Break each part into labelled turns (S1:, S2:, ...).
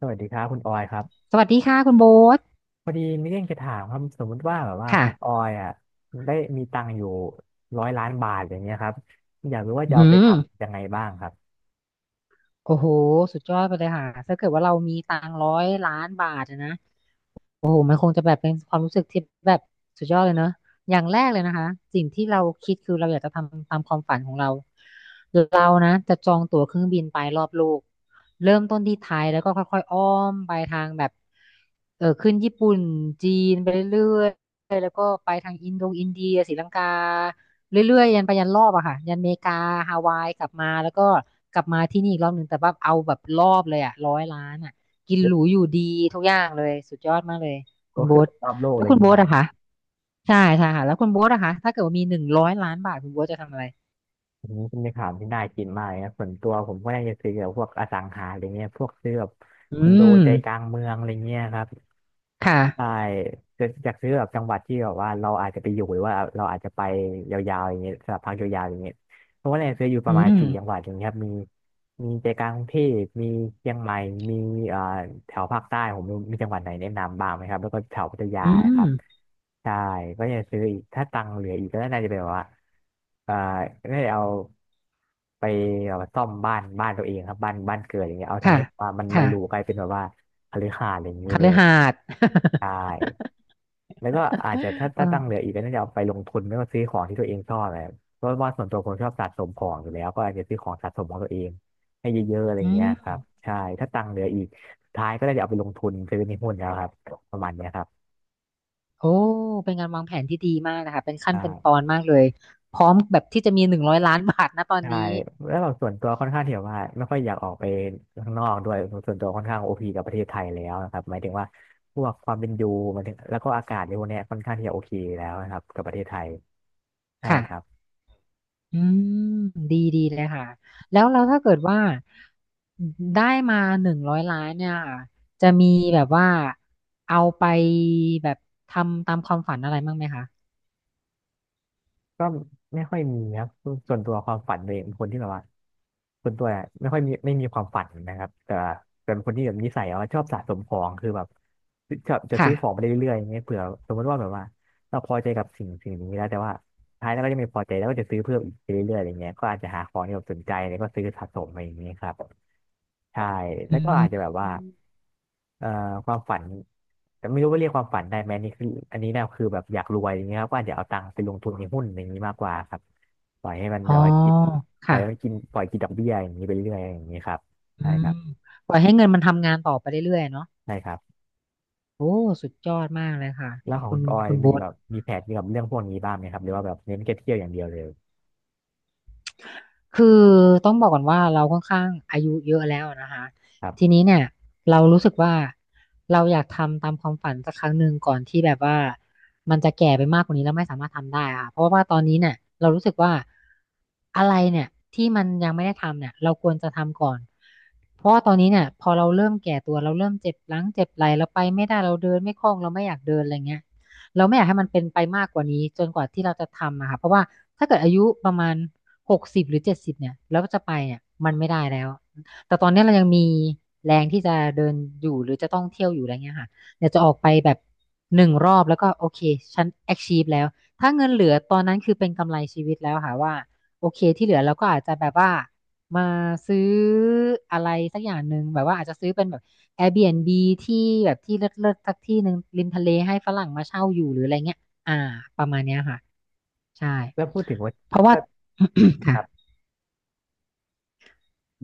S1: สวัสดีครับคุณออยครับ
S2: สวัสดีค่ะคุณโบ๊ท
S1: พอดีมีเรื่องจะถามครับสมมุติว่าแบบว่าคุณออ
S2: ค่ะ
S1: ยอ่ะได้มีตังค์อยู่100,000,000 บาทอย่างเงี้ยครับอยากรู้ว่า
S2: อื
S1: จะเอาไป
S2: ม
S1: ทำยังไงบ้างครับ
S2: โอ้โห สุดยอดไปเลยค่ะถ้าเกิดว่าเรามีตังค์ร้อยล้านบาทอะนะ โอ้โหมันคงจะแบบเป็นความรู้สึกที่แบบสุดยอดเลยเนอะ อย่างแรกเลยนะคะ สิ่งที่เราคิดคือเราอยากจะทำตามความฝันของเรา เรานะจะจองตั๋วเครื่องบินไปรอบโลก เริ่มต้นที่ไทยแล้วก็ค่อยๆอ้อมไปทางแบบขึ้นญี่ปุ่น จีนไปเรื่อยๆแล้วก็ไปทางอินโดอินเดียศรีลังกา เรื่อยๆยันไปยันรอบอะค่ะยันอเมริกาฮาวายกลับมาแล้วก็กลับมาที่นี่อีกรอบหนึ่งแต่ว่าเอาแบบรอบเลยอะร้อยล้านอะ กิน
S1: ย
S2: ห
S1: ก
S2: รูอยู่ดีทุกอย่างเลยสุดยอดมากเลยคุ
S1: ก็
S2: ณโบ๊
S1: คือ
S2: ท
S1: ไปรอบโลกอะ
S2: แล้ว
S1: ไรอ
S2: คุ
S1: ย่าง
S2: ณ
S1: เงี้
S2: โบ๊
S1: ยเหร
S2: ท
S1: อครั
S2: อะคะ
S1: บ
S2: ใช่ใช่ค่ะแล้วคุณโบ๊ทอะคะถ้าเกิดว่ามีหนึ่งร้อยล้านบาทคุณโบ๊ทจะทำอะไร
S1: อันนี้เป็นคำถามที่น่ากินมากเลยนะส่วนตัวผมก็น่าจะซื้อแบบพวกอสังหาอะไรเงี้ยพวกซื้อแบบ
S2: อื
S1: คอนโด
S2: ม
S1: ใจกลางเมืองอะไรเงี้ยครับ
S2: ค่ะ
S1: ใช่จะอยากซื้อแบบจังหวัดที่แบบว่าเราอาจจะไปอยู่หรือว่าเราอาจจะไปยาวๆอย่างเงี้ยสำหรับพักยาวๆอย่างเงี้ยเพราะว่าเนี่ยซื้ออยู่ป
S2: อื
S1: ระมาณ
S2: ม
S1: สี่จังหวัดอย่างเงี้ยครับมีใจกลางกรุงเทพมีเชียงใหม่มีเอ่อแถวภาคใต้ผมมีจังหวัดไหนแนะนำบ้างไหมครับแล้วก็แถวพัทยา
S2: อื
S1: ค
S2: ม
S1: รับใช่ก็จะซื้ออีกถ้าตังค์เหลืออีกก็น่าจะเป็นแบบว่าเอ่อได้เอาไปแบบว่าซ่อมบ้านตัวเองครับบ้านเกิดอย่างเงี้ยเอาทำ
S2: ค่ะ
S1: ให้แบบว่ามันหรูก
S2: ค่ะ
S1: ลายเป็นแบบว่าคฤหาสน์อะไรอย่างนี้
S2: ค
S1: เล
S2: ฤ
S1: ย
S2: หาสน์
S1: ใช่ แล้วก็อาจจะถ้า
S2: เอ
S1: ถ้าตั
S2: อ
S1: งค์เหลืออีกก็น่าจะเอาไปลงทุนไม่ก็ซื้อของที่ตัวเองชอบอะไรเพราะว่าส่วนตัวผมชอบสะสมของอยู่แล้วก็อาจจะซื้อของสะสมของตัวเอง ให้เยอะๆอะไร
S2: อื
S1: เงี้ย
S2: ม
S1: ครับใช่ถ้าตังค์เหลืออีกสุดท้ายก็ได้จะเอาไปลงทุนซื้อในหุ้นแล้วครับประมาณเนี้ยครับ
S2: โอ้เป็นการวางแผนที่ดีมากนะคะเป็นขั้นเป็นตอ
S1: ใช่า
S2: นมากเลยพร้อมแบบที่จะมีหนึ่งร้อยล้านบาทนะตอน
S1: ใช่
S2: นี้
S1: แล้วแบบส่วนตัวค่อนข้างที่แบบว่าไม่ค่อยอยากออกไปข้างนอกด้วยส่วนตัวค่อนข้างโอพีกับประเทศไทยแล้วนะครับหมายถึงว่าพวกความเป็นอยู่หมายถึงแล้วก็อากาศในพวกเนี้ยค่อนข้างที่จะโอเคแล้วนะครับกับประเทศไทยใช่ครั
S2: ค่ะ
S1: บ
S2: อืมดีดีเลยค่ะแล้วถ้าเกิดว่าได้มาหนึ่งร้อยล้านเนี่ยค่ะจะมีแบบว่าเอาไปแบบทำตามความฝันอะไรบ้างไหมคะ
S1: ก็ไม่ค่อยมีนะส่วนตัวความฝันตัวเองเป็นคนที่แบบว่าส่วนตัวเนี่ยไม่ค่อยมีไม่มีความฝันนะครับแต่แ่เป็นคนที่แบบนิสัยว่าชอบสะสมของคือแบบชอบจะ
S2: ค่ะ
S1: ซื้อของไปเรื่อยๆอย่างเงี้ยเผื่อสมมติว่าแบบว่าเราพอใจกับสิ่งนี้แล้วแต่ว่า ท้ายแล้วก็จะไมีพอใจแล้วก็จะซื้อเพิ่มอีกไปเรื่อยๆอะไรเงี้ยก็อาจจะหาของที่แบบสนใจแล้วก็ซื้อสะสมอะไรอย่างเงี้ยครับใช่แล้
S2: อื
S1: วก็อาจจะแบ
S2: ม
S1: บว่าเอ่อความฝันแต่ไม่รู้ว่าเรียกความฝันได้ไหมนี่คืออันนี้เนี่ยคือแบบอยากรวยอย่างเงี้ยครับก็อาจจะเอาตังค์ไปลงทุนในหุ้นอย่างนี้มากกว่าครับปล่อยให้มัน
S2: อ๋อ
S1: แบบว่ากินปล่อ
S2: ค่ะ
S1: ยให้มันกินปล่อยกินดอกเบี้ยอย่างนี้ไปเรื่อยอย่างนี้ครับ
S2: อื
S1: ใช่
S2: ม
S1: ครับ
S2: ปล่อยให้เงินมันทำงานต่อไปเรื่อยๆเนาะ
S1: ใช่ครับ
S2: โอ้สุดยอดมากเลยค่ะ
S1: แล้วของ
S2: คุ
S1: คุ
S2: ณ
S1: ณออย
S2: คุณ
S1: มี
S2: โบ๊ท
S1: แบบมีแผนเกี่ยวกับเรื่องพวกนี้บ้างไหมครับหรือว่าแบบเน้นแค่เที่ยวอย่างเดียวเลย
S2: คือต้องบอกก่อนว่าเราค่อนข้างอายุเยอะแล้วนะคะ
S1: ครั
S2: ที
S1: บ
S2: นี้เนี่ยเรารู้สึกว่าเราอยากทำตามความฝันสักครั้งหนึ่งก่อนที่แบบว่ามันจะแก่ไปมากกว่านี้แล้วไม่สามารถทำได้อะค่ะเพราะว่าตอนนี้เนี่ยเรารู้สึกว่าอะไรเนี่ยที่มันยังไม่ได้ทำเนี่ยเราควรจะทำก่อนเพราะว่าตอนนี้เนี่ยพอเราเริ่มแก่ตัวเราเริ่มเจ็บหลังเจ็บไหล่เราไปไม่ได้เราเดินไม่คล่องเราไม่อยากเดินอะไรเงี้ยเราไม่อยากให้มันเป็นไปมากกว่านี้จนกว่าที่เราจะทำอะค่ะเพราะว่าถ้าเกิดอายุประมาณ 60หรือ70เนี่ยแล้วก็จะไปเนี่ยมันไม่ได้แล้วแต่ตอนนี้เรายังมีแรงที่จะเดินอยู่หรือจะต้องเที่ยวอยู่อะไรเงี้ยค่ะเดี๋ยวจะออกไปแบบหนึ่งรอบแล้วก็โอเคฉัน achieve แล้วถ้าเงินเหลือตอนนั้นคือเป็นกำไรชีวิตแล้วค่ะว่าโอเคที่เหลือเราก็อาจจะแบบว่ามาซื้ออะไรสักอย่างหนึ่งแบบว่าอาจจะซื้อเป็นแบบ Airbnb ที่แบบที่เลิศๆสักที่หนึ่งริมทะเลให้ฝรั่งมาเช่าอยู่หรืออะไรเงี้ยอ่าประมาณเนี้ยค่ะใช่
S1: แล้วพูดถึงว่า
S2: เพราะว่า
S1: ก็ ค
S2: ค่ะ
S1: รับ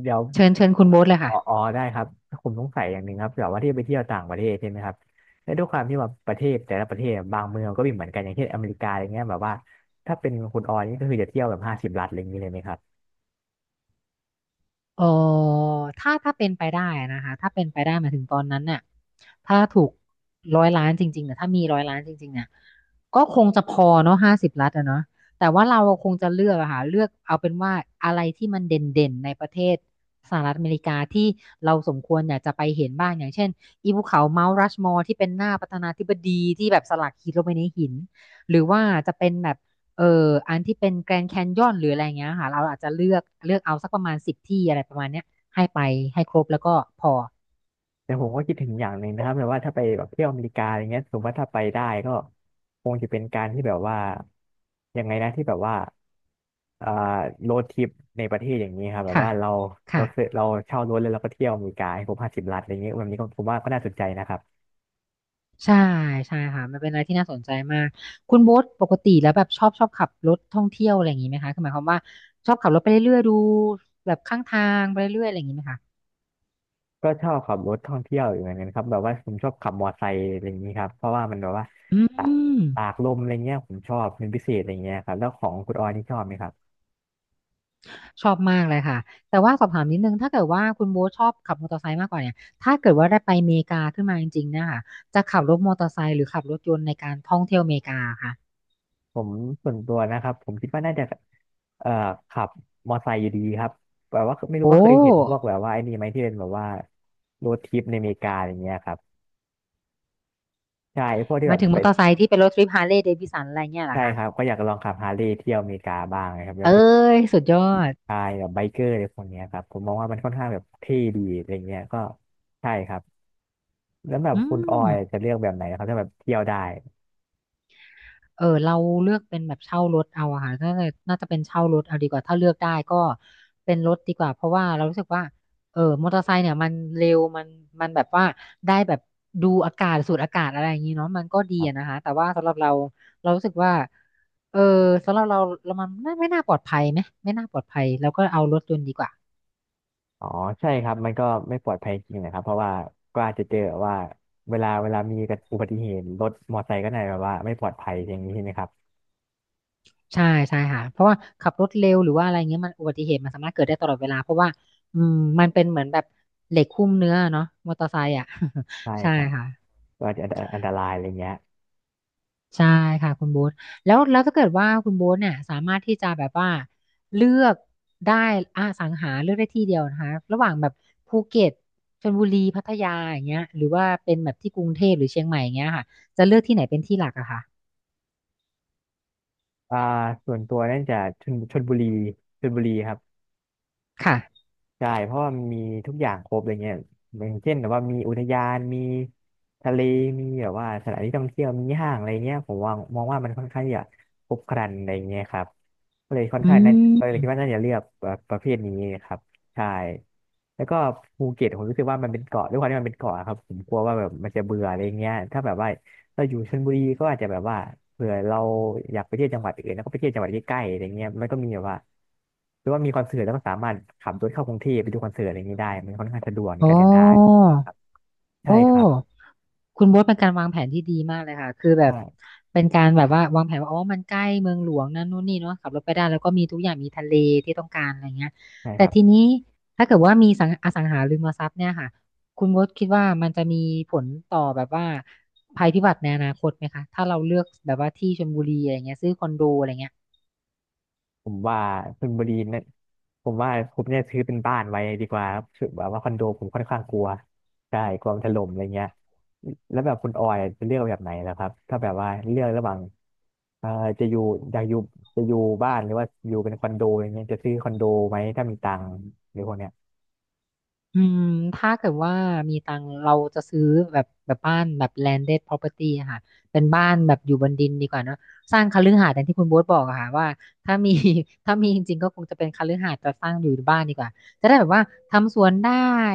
S1: เดี๋ยว
S2: เชิญเชิญคุณโบ๊ทเลย
S1: อ๋
S2: ค่ะ
S1: ออ๋อได้ครับผมสงสัยอย่างหนึ่งครับแบบว่าที่ไปเที่ยวต่างประเทศใช่ไหมครับแล้วด้วยความที่ว่าประเทศแต่ละประเทศบางเมืองก็มีเหมือนกันอย่างเช่นอเมริกาอะไรเงี้ยแบบว่าถ้าเป็นคุณออยนี่ก็คือจะเที่ยวแบบห้าสิบรัฐอะไรอย่างนี้เลยไหมครับ
S2: เออถ้าถ้าเป็นไปได้นะคะถ้าเป็นไปได้หมายถึงตอนนั้นเนี่ยถ้าถูกร้อยล้านจริงๆเนี่ยถ้ามีร้อยล้านจริงๆเนี่ยก็คงจะพอเนาะ50 ล้านอะเนาะแต่ว่าเราคงจะเลือกอะค่ะเลือกเอาเป็นว่าอะไรที่มันเด่นๆในประเทศสหรัฐอเมริกาที่เราสมควรอยากจะไปเห็นบ้างอย่างเช่นอีภูเขาเมาท์รัชมอร์ที่เป็นหน้าประธานาธิบดีที่แบบสลักหินลงไปในหินหรือว่าจะเป็นแบบ เอออันที่เป็นแกรน d c แคนยอนหรืออะไรเงี้ยค่ะเราอาจจะเลือกเอาสักประมาณ10 ที่อะไรประมาณเนี้ยให้ไปให้ครบแล้วก็พอ
S1: แต่ผมก็คิดถึงอย่างหนึ่งนะครับแบบว่าถ้าไปแบบเที่ยวอเมริกาอะไรเงี้ยสมมติว่าถ้าไปได้ก็คงจะเป็นการที่แบบว่ายังไงนะที่แบบว่าเอ่อโรดทริปในประเทศอย่างนี้ครับแบบ
S2: ค่ะ
S1: ว่าเราเรา
S2: ค่ะ
S1: ซื้อเราเช่ารถแล้วเราก็เที่ยวอเมริกาให้ครบห้าสิบรัฐอะไรเงี้ยแบบนี้ก็ผมว่าก็น่าสนใจนะครับ
S2: ใช่ใช่ค่ะมันเป็นอะไรที่น่าสนใจมากคุณโบ๊ทปกติแล้วแบบชอบขับรถท่องเที่ยวอะไรอย่างนี้ไหมคะคือหมายความว่าชอบขับรถไปเรื่อยๆดูแบบข้างทางไปเรื่อยๆอะไรอย่างนี้ไหมคะ
S1: ก็ชอบขับรถท่องเที่ยวอยู่เหมือนกันครับแบบว่าผมชอบขับมอไซค์อะไรอย่างนี้ครับเพราะว่ามันแบบว่า
S2: อื
S1: ตาก
S2: ม
S1: ตากลมอะไรเงี้ยผมชอบเป็นพิเศษอะไรเงี้ยครับแล้วของคุณออยนี่ชอบไหมครับ
S2: ชอบมากเลยค่ะแต่ว่าสอบถามนิดนึงถ้าเกิดว่าคุณโบ๊ทชอบขับมอเตอร์ไซค์มากกว่าเนี่ยถ้าเกิดว่าได้ไปอเมริกาขึ้นมาจริงๆเนะคะจะขับรถมอเตอร์ไซค์หรือขับรถยนต์ในการท่องเที่ยวอเมริกาค่ะ
S1: ผมส่วนตัวนะครับผมคิดว่าน่าจะเอ่อขับมอไซค์อยู่ดีครับแบบว่าไม่รู้
S2: โอ้
S1: ว่าเคยเห็นพวกแบบว่าไอ้นี่ไหมที่เป็นแบบว่าโรดทริปในอเมริกาอย่างเงี้ยครับใช่พวกที่
S2: ห
S1: แบ
S2: มาย
S1: บ
S2: ถึงมอ
S1: เป็น
S2: เตอร์ไซค์ที่เป็นรถทริปฮาร์เลย์เดวิสันอะไรเงี้ยเหรอ
S1: ใช่
S2: คะ
S1: ครับก็อยากลองขับฮาร์เลย์เที่ยวอเมริกาบ้างนะครับแล้
S2: เอ้
S1: วไป
S2: ยสุดยอด
S1: พายแบบไบเกอร์อะไรพวกเนี้ยครับผมมองว่ามันค่อนข้างแบบเท่ดีอะไรเงี้ยก็ใช่ครับ แล้วแบบ
S2: อื
S1: คุณออ
S2: ม
S1: ยจะเลือกแบบไหนครับถ้าแบบเที่ยวได้
S2: เราเลือกเป็นแบบเช่ารถเอาอะค่ะน่าจะเป็นเช่ารถเอาดีกว่าถ้าเลือกได้ก็เป็นรถดีกว่าเพราะว่าเรารู้สึกว่ามอเตอร์ไซค์เนี่ยมันเร็วมันแบบว่าได้แบบดูอากาศสูดอากาศอะไรอย่างนี้เนาะมันก็ดี
S1: ครั
S2: อะนะ
S1: บ
S2: คะแต่ว่าสำหรับเราเรารู้สึกว่าเออสำหรับเราเรามันไม่น่าปลอดภัยไหมไม่น่าปลอดภัยแล้วก็เอารถยนต์ดีกว่า
S1: อ๋อใช่ครับมันก็ไม่ปลอดภัยจริงนะครับเพราะว่าก็อาจจะเจอว่าเวลามีอุบัติเหตุรถมอเตอร์ไซค์ก็ไหนแบบว่าไม่ปลอดภัยอย่างนี้ใช่ไหมครับ
S2: ใช่ใช่ค่ะเพราะว่าขับรถเร็วหรือว่าอะไรเงี้ยมันอุบัติเหตุมันสามารถเกิดได้ตลอดเวลาเพราะว่าอืมมันเป็นเหมือนแบบเหล็กหุ้มเนื้อเนาะมอเตอร์ไซค์อ่ะ
S1: ใช่
S2: ใช่
S1: ครับ
S2: ค่ะ
S1: ก็อาจจะอันตรายอะไรเงี้ย
S2: ใช่ค่ะคุณโบ๊ทแล้วถ้าเกิดว่าคุณโบ๊ทเนี่ยสามารถที่จะแบบว่าเลือกได้สังหาเลือกได้ที่เดียวนะคะระหว่างแบบภูเก็ตชลบุรีพัทยาอย่างเงี้ยหรือว่าเป็นแบบที่กรุงเทพหรือเชียงใหม่อย่างเงี้ยค่ะจะเลือกที่ไหนเป็นที่หลักอะคะ
S1: อ่าส่วนตัวนั่นจะชลบุรีชลบุรีครับ
S2: ค่ะ
S1: ใช่เพราะว่ามันมีทุกอย่างครบอะไรเงี้ยอย่างเช่นแบบว่ามีอุทยานมีทะเลมีแบบว่าสถานที่ท่องเที่ยวมีห้างอะไรเงี้ยผมว่ามองว่ามันค่อนข้างที่จะครบครันอะไรเงี้ยครับก็เลยค่อน
S2: อื
S1: ข้างน่า
S2: ม
S1: ก็เลยคิดว่าน่าจะเลือกแบบประเภทนี้ครับใช่แล้วก็ภูเก็ตผมรู้สึกว่ามันเป็นเกาะด้วยความที่มันเป็นเกาะครับผมกลัวว่าแบบมันจะเบื่ออะไรเงี้ยถ้าแบบว่า เราอยู่ชลบุรีก็อาจจะแบบว่าเผื่อเราอยากไปเที่ยวจังหวัดอื่นแล้วก็ไปเที่ยวจังหวัดใกล้ๆอะไรเงี้ยมันก็มีแบบว่าหรือว่ามีคอนเสิร์ตแล้วก็สามารถขับรถเข้ากรุงเทพไปดูคอนเสิร์ตอะไรเงงี้ยได้มันค่อนข้างสะดวกใน
S2: โอ
S1: การเดินทาง
S2: ้
S1: ครับใช่
S2: โอ้
S1: ครับ
S2: คุณโบ๊ทเป็นการวางแผนที่ดีมากเลยค่ะ คือแบ
S1: ใช่
S2: บเป็นการแบบว่าวางแผนว่าอ๋อมันใกล้เมืองหลวงนั่นนู่นนี่เนาะขับรถไปได้แล้วก็มีทุกอย่างมีทะเลที่ต้องการอะไรเงี้ย
S1: ใช่ค
S2: แต่
S1: รับ
S2: ทีนี้ถ้าเกิดว่ามีสังหาริมทรัพย์เนี่ยค่ะคุณโบ๊ทคิดว่ามันจะมีผลต่อแบบว่าภัยพิบัติในอนาคตไหมคะถ้าเราเลือกแบบว่าที่ชลบุรีอะไรเงี้ยซื้อคอนโดอะไรเงี้ย
S1: ผมว่าชลบุรีเนะผมว่าผมเนี่ยซื้อเป็นบ้านไว้ดีกว่าครับคือแบบว่าคอนโดผมค่อนข้างกลัวใช่กลัวมันถล่มอะไรเงี้ยแล้วแบบคุณออยจะเลือกแบบไหนแล้วครับถ้าแบบว่าเลือกระหว่างเอ่อจะอยู่อยากอยู่จะอยู่บ้านหรือว่าอยู่เป็นคอนโดอย่างเงี้ยจะซื้อคอนโดไหมถ้ามีตังค์หรือพวกเนี้ย
S2: อืมถ้าเกิดว่ามีตังค์เราจะซื้อแบบบ้านแบบ landed property อะค่ะเป็นบ้านแบบอยู่บนดินดีกว่าเนอะสร้างคฤหาสน์อย่างที่คุณโบ๊ทบอกอะค่ะว่าถ้ามี ถ้ามีจริงๆก็คงจะเป็นคฤหาสน์แต่สร้างอยู่บ้านดีกว่าจะได้แบบว่าทำสวนได้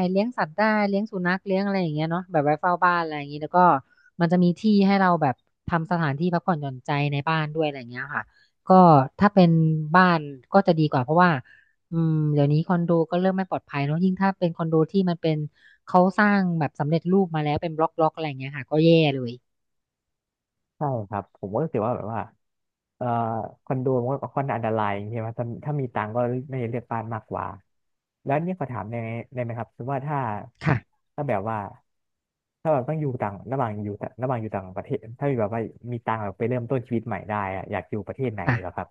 S2: เลี้ยงสัตว์ได้เลี้ยงสุนัขเลี้ยงอะไรอย่างเงี้ยเนาะแบบไว้เฝ้าบ้านอะไรอย่างงี้แล้วก็มันจะมีที่ให้เราแบบทำสถานที่พักผ่อนหย่อนใจในบ้านด้วยอะไรอย่างเงี้ยค่ะก็ถ้าเป็นบ้านก็จะดีกว่าเพราะว่า อืมเดี๋ยวนี้คอนโดก็เริ่มไม่ปลอดภัยเนอะยิ่งถ้าเป็นคอนโดที่มันเป็นเขาสร้างแบบสำเร็จรูปมาแล้วเป็นบล็อกอะไรอย่างเงี้ยค่ะก็แย่เลย
S1: ใช่ครับผมก็รู้สึกว่าแบบว่าเอ่อคอนโดมันก็ค่อนข้างอันตรายอย่างเงี้ยว่าถ้ามีตังค์ก็น่าจะเลือกบ้านมากกว่าแล้วนี่ขอถามได้ไหมได้ไหมครับสมมติว่าถ้า
S2: ค่ะ
S1: ถ้าแบบว่าถ้าแบบต้องอยู่ต่างระหว่างอยู่ต่างระหว่างอยู่ต่างประเทศถ้ามีแบบว่ามีตังค์แบบไปเริ่มต้นชีวิตใหม่ได้อะอยากอยู่ประเทศไหนเหรอ
S2: ค่ะ
S1: ครับ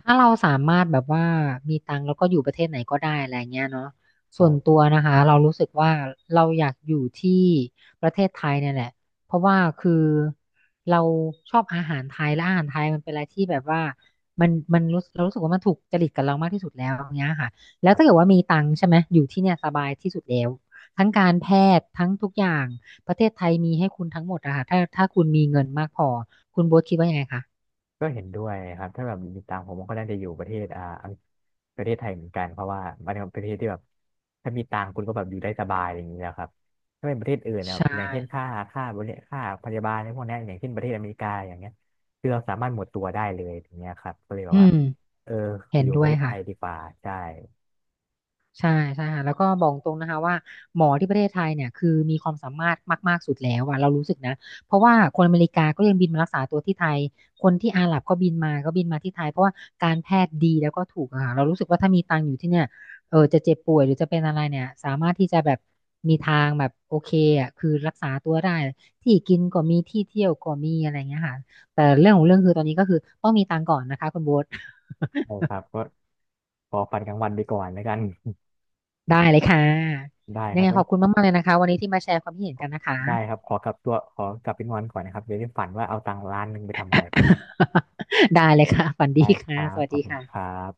S2: ถ้าเราสามารถแบบว่ามีตังค์แล้วก็อยู่ประเทศไหนก็ได้อะไรเงี้ยเนาะส่วนตัวนะคะเรารู้สึกว่าเราอยากอยู่ที่ประเทศไทยเนี่ยแหละเพราะว่าคือเราชอบอาหารไทยและอาหารไทยมันเป็นอะไรที่แบบว่ามันเรารู้สึกว่ามันถูกจริตกับเรามากที่สุดแล้วอย่างเงี้ยค่ะแล้วถ้าเกิดว่ามีตังค์ใช่ไหมอยู่ที่เนี่ยสบายที่สุดแล้วทั้งการแพทย์ทั้งทุกอย่างประเทศไทยมีให้คุณทั้งหมดอะค่ะถ้าคุณมีเงินมากพอคุณโบ๊ทคิดว่ายังไงคะ
S1: ก็เห็นด้วยครับถ้าแบบติดตามผมก็น่าจะอยู่ประเทศอ่าอังประเทศไทยเหมือนกันเพราะว่ามันเป็นประเทศที่แบบถ้ามีตังค์คุณก็แบบอยู่ได้สบายอย่างนี้แะครับถ้าเป็นประเทศอื่นเนี่ย
S2: ใช่
S1: อย่างเช่นค่าพยาบาลในพวกเนี้ยอย่างเช่นประเทศอเมริกาอย่างเงี้ยคือเราสามารถหมดตัวได้เลยอย่างเงี้ยครับก็เลยแบ
S2: อื
S1: บว่า
S2: ม
S1: เออ
S2: เห็
S1: อ
S2: น
S1: ยู่
S2: ด้
S1: ป
S2: ว
S1: ระ
S2: ย
S1: เทศไท
S2: ค่ะ
S1: ยดีกว่าใช่
S2: ใช่ใช่ค่ะแล้วก็บอกตรงนะคะว่าหมอที่ประเทศไทยเนี่ยคือมีความสามารถมากๆสุดแล้วอะเรารู้สึกนะเพราะว่าคนอเมริกาก็ยังบินมารักษาตัวที่ไทยคนที่อาหรับก็บินมาที่ไทยเพราะว่าการแพทย์ดีแล้วก็ถูกอะค่ะเรารู้สึกว่าถ้ามีตังค์อยู่ที่เนี่ยจะเจ็บป่วยหรือจะเป็นอะไรเนี่ยสามารถที่จะแบบมีทางแบบโอเคอะคือรักษาตัวได้ที่กินก็มีที่เที่ยวก็มีอะไรเงี้ยค่ะแต่เรื่องของเรื่องคือตอนนี้ก็คือต้องมีตังค์ก่อนนะคะคุณโบ๊ท
S1: ใช่ครับก็ขอฝันกลางวันไปก่อนแล้วกัน
S2: ได้เลยค่ะ
S1: ได้
S2: ยั
S1: ค
S2: ง
S1: รับ
S2: ไงข
S1: งั้น
S2: อบคุณมากๆเลยนะคะวันนี้ที่มาแชร์ความคิดเห็นกันนะคะ
S1: ได้ครับขอกลับตัวขอกลับไปนอนก่อนนะครับเดี๋ยวนี้ฝันว่าเอาตังค์ล้านหนึ่งไปทำอะไร
S2: ได้เลยค่ะฝัน
S1: ได้
S2: ดี
S1: ค
S2: ค่ะ
S1: รั
S2: ส
S1: บ
S2: วัส
S1: ขอบ
S2: ดี
S1: คุณค
S2: ค่ะ
S1: รับ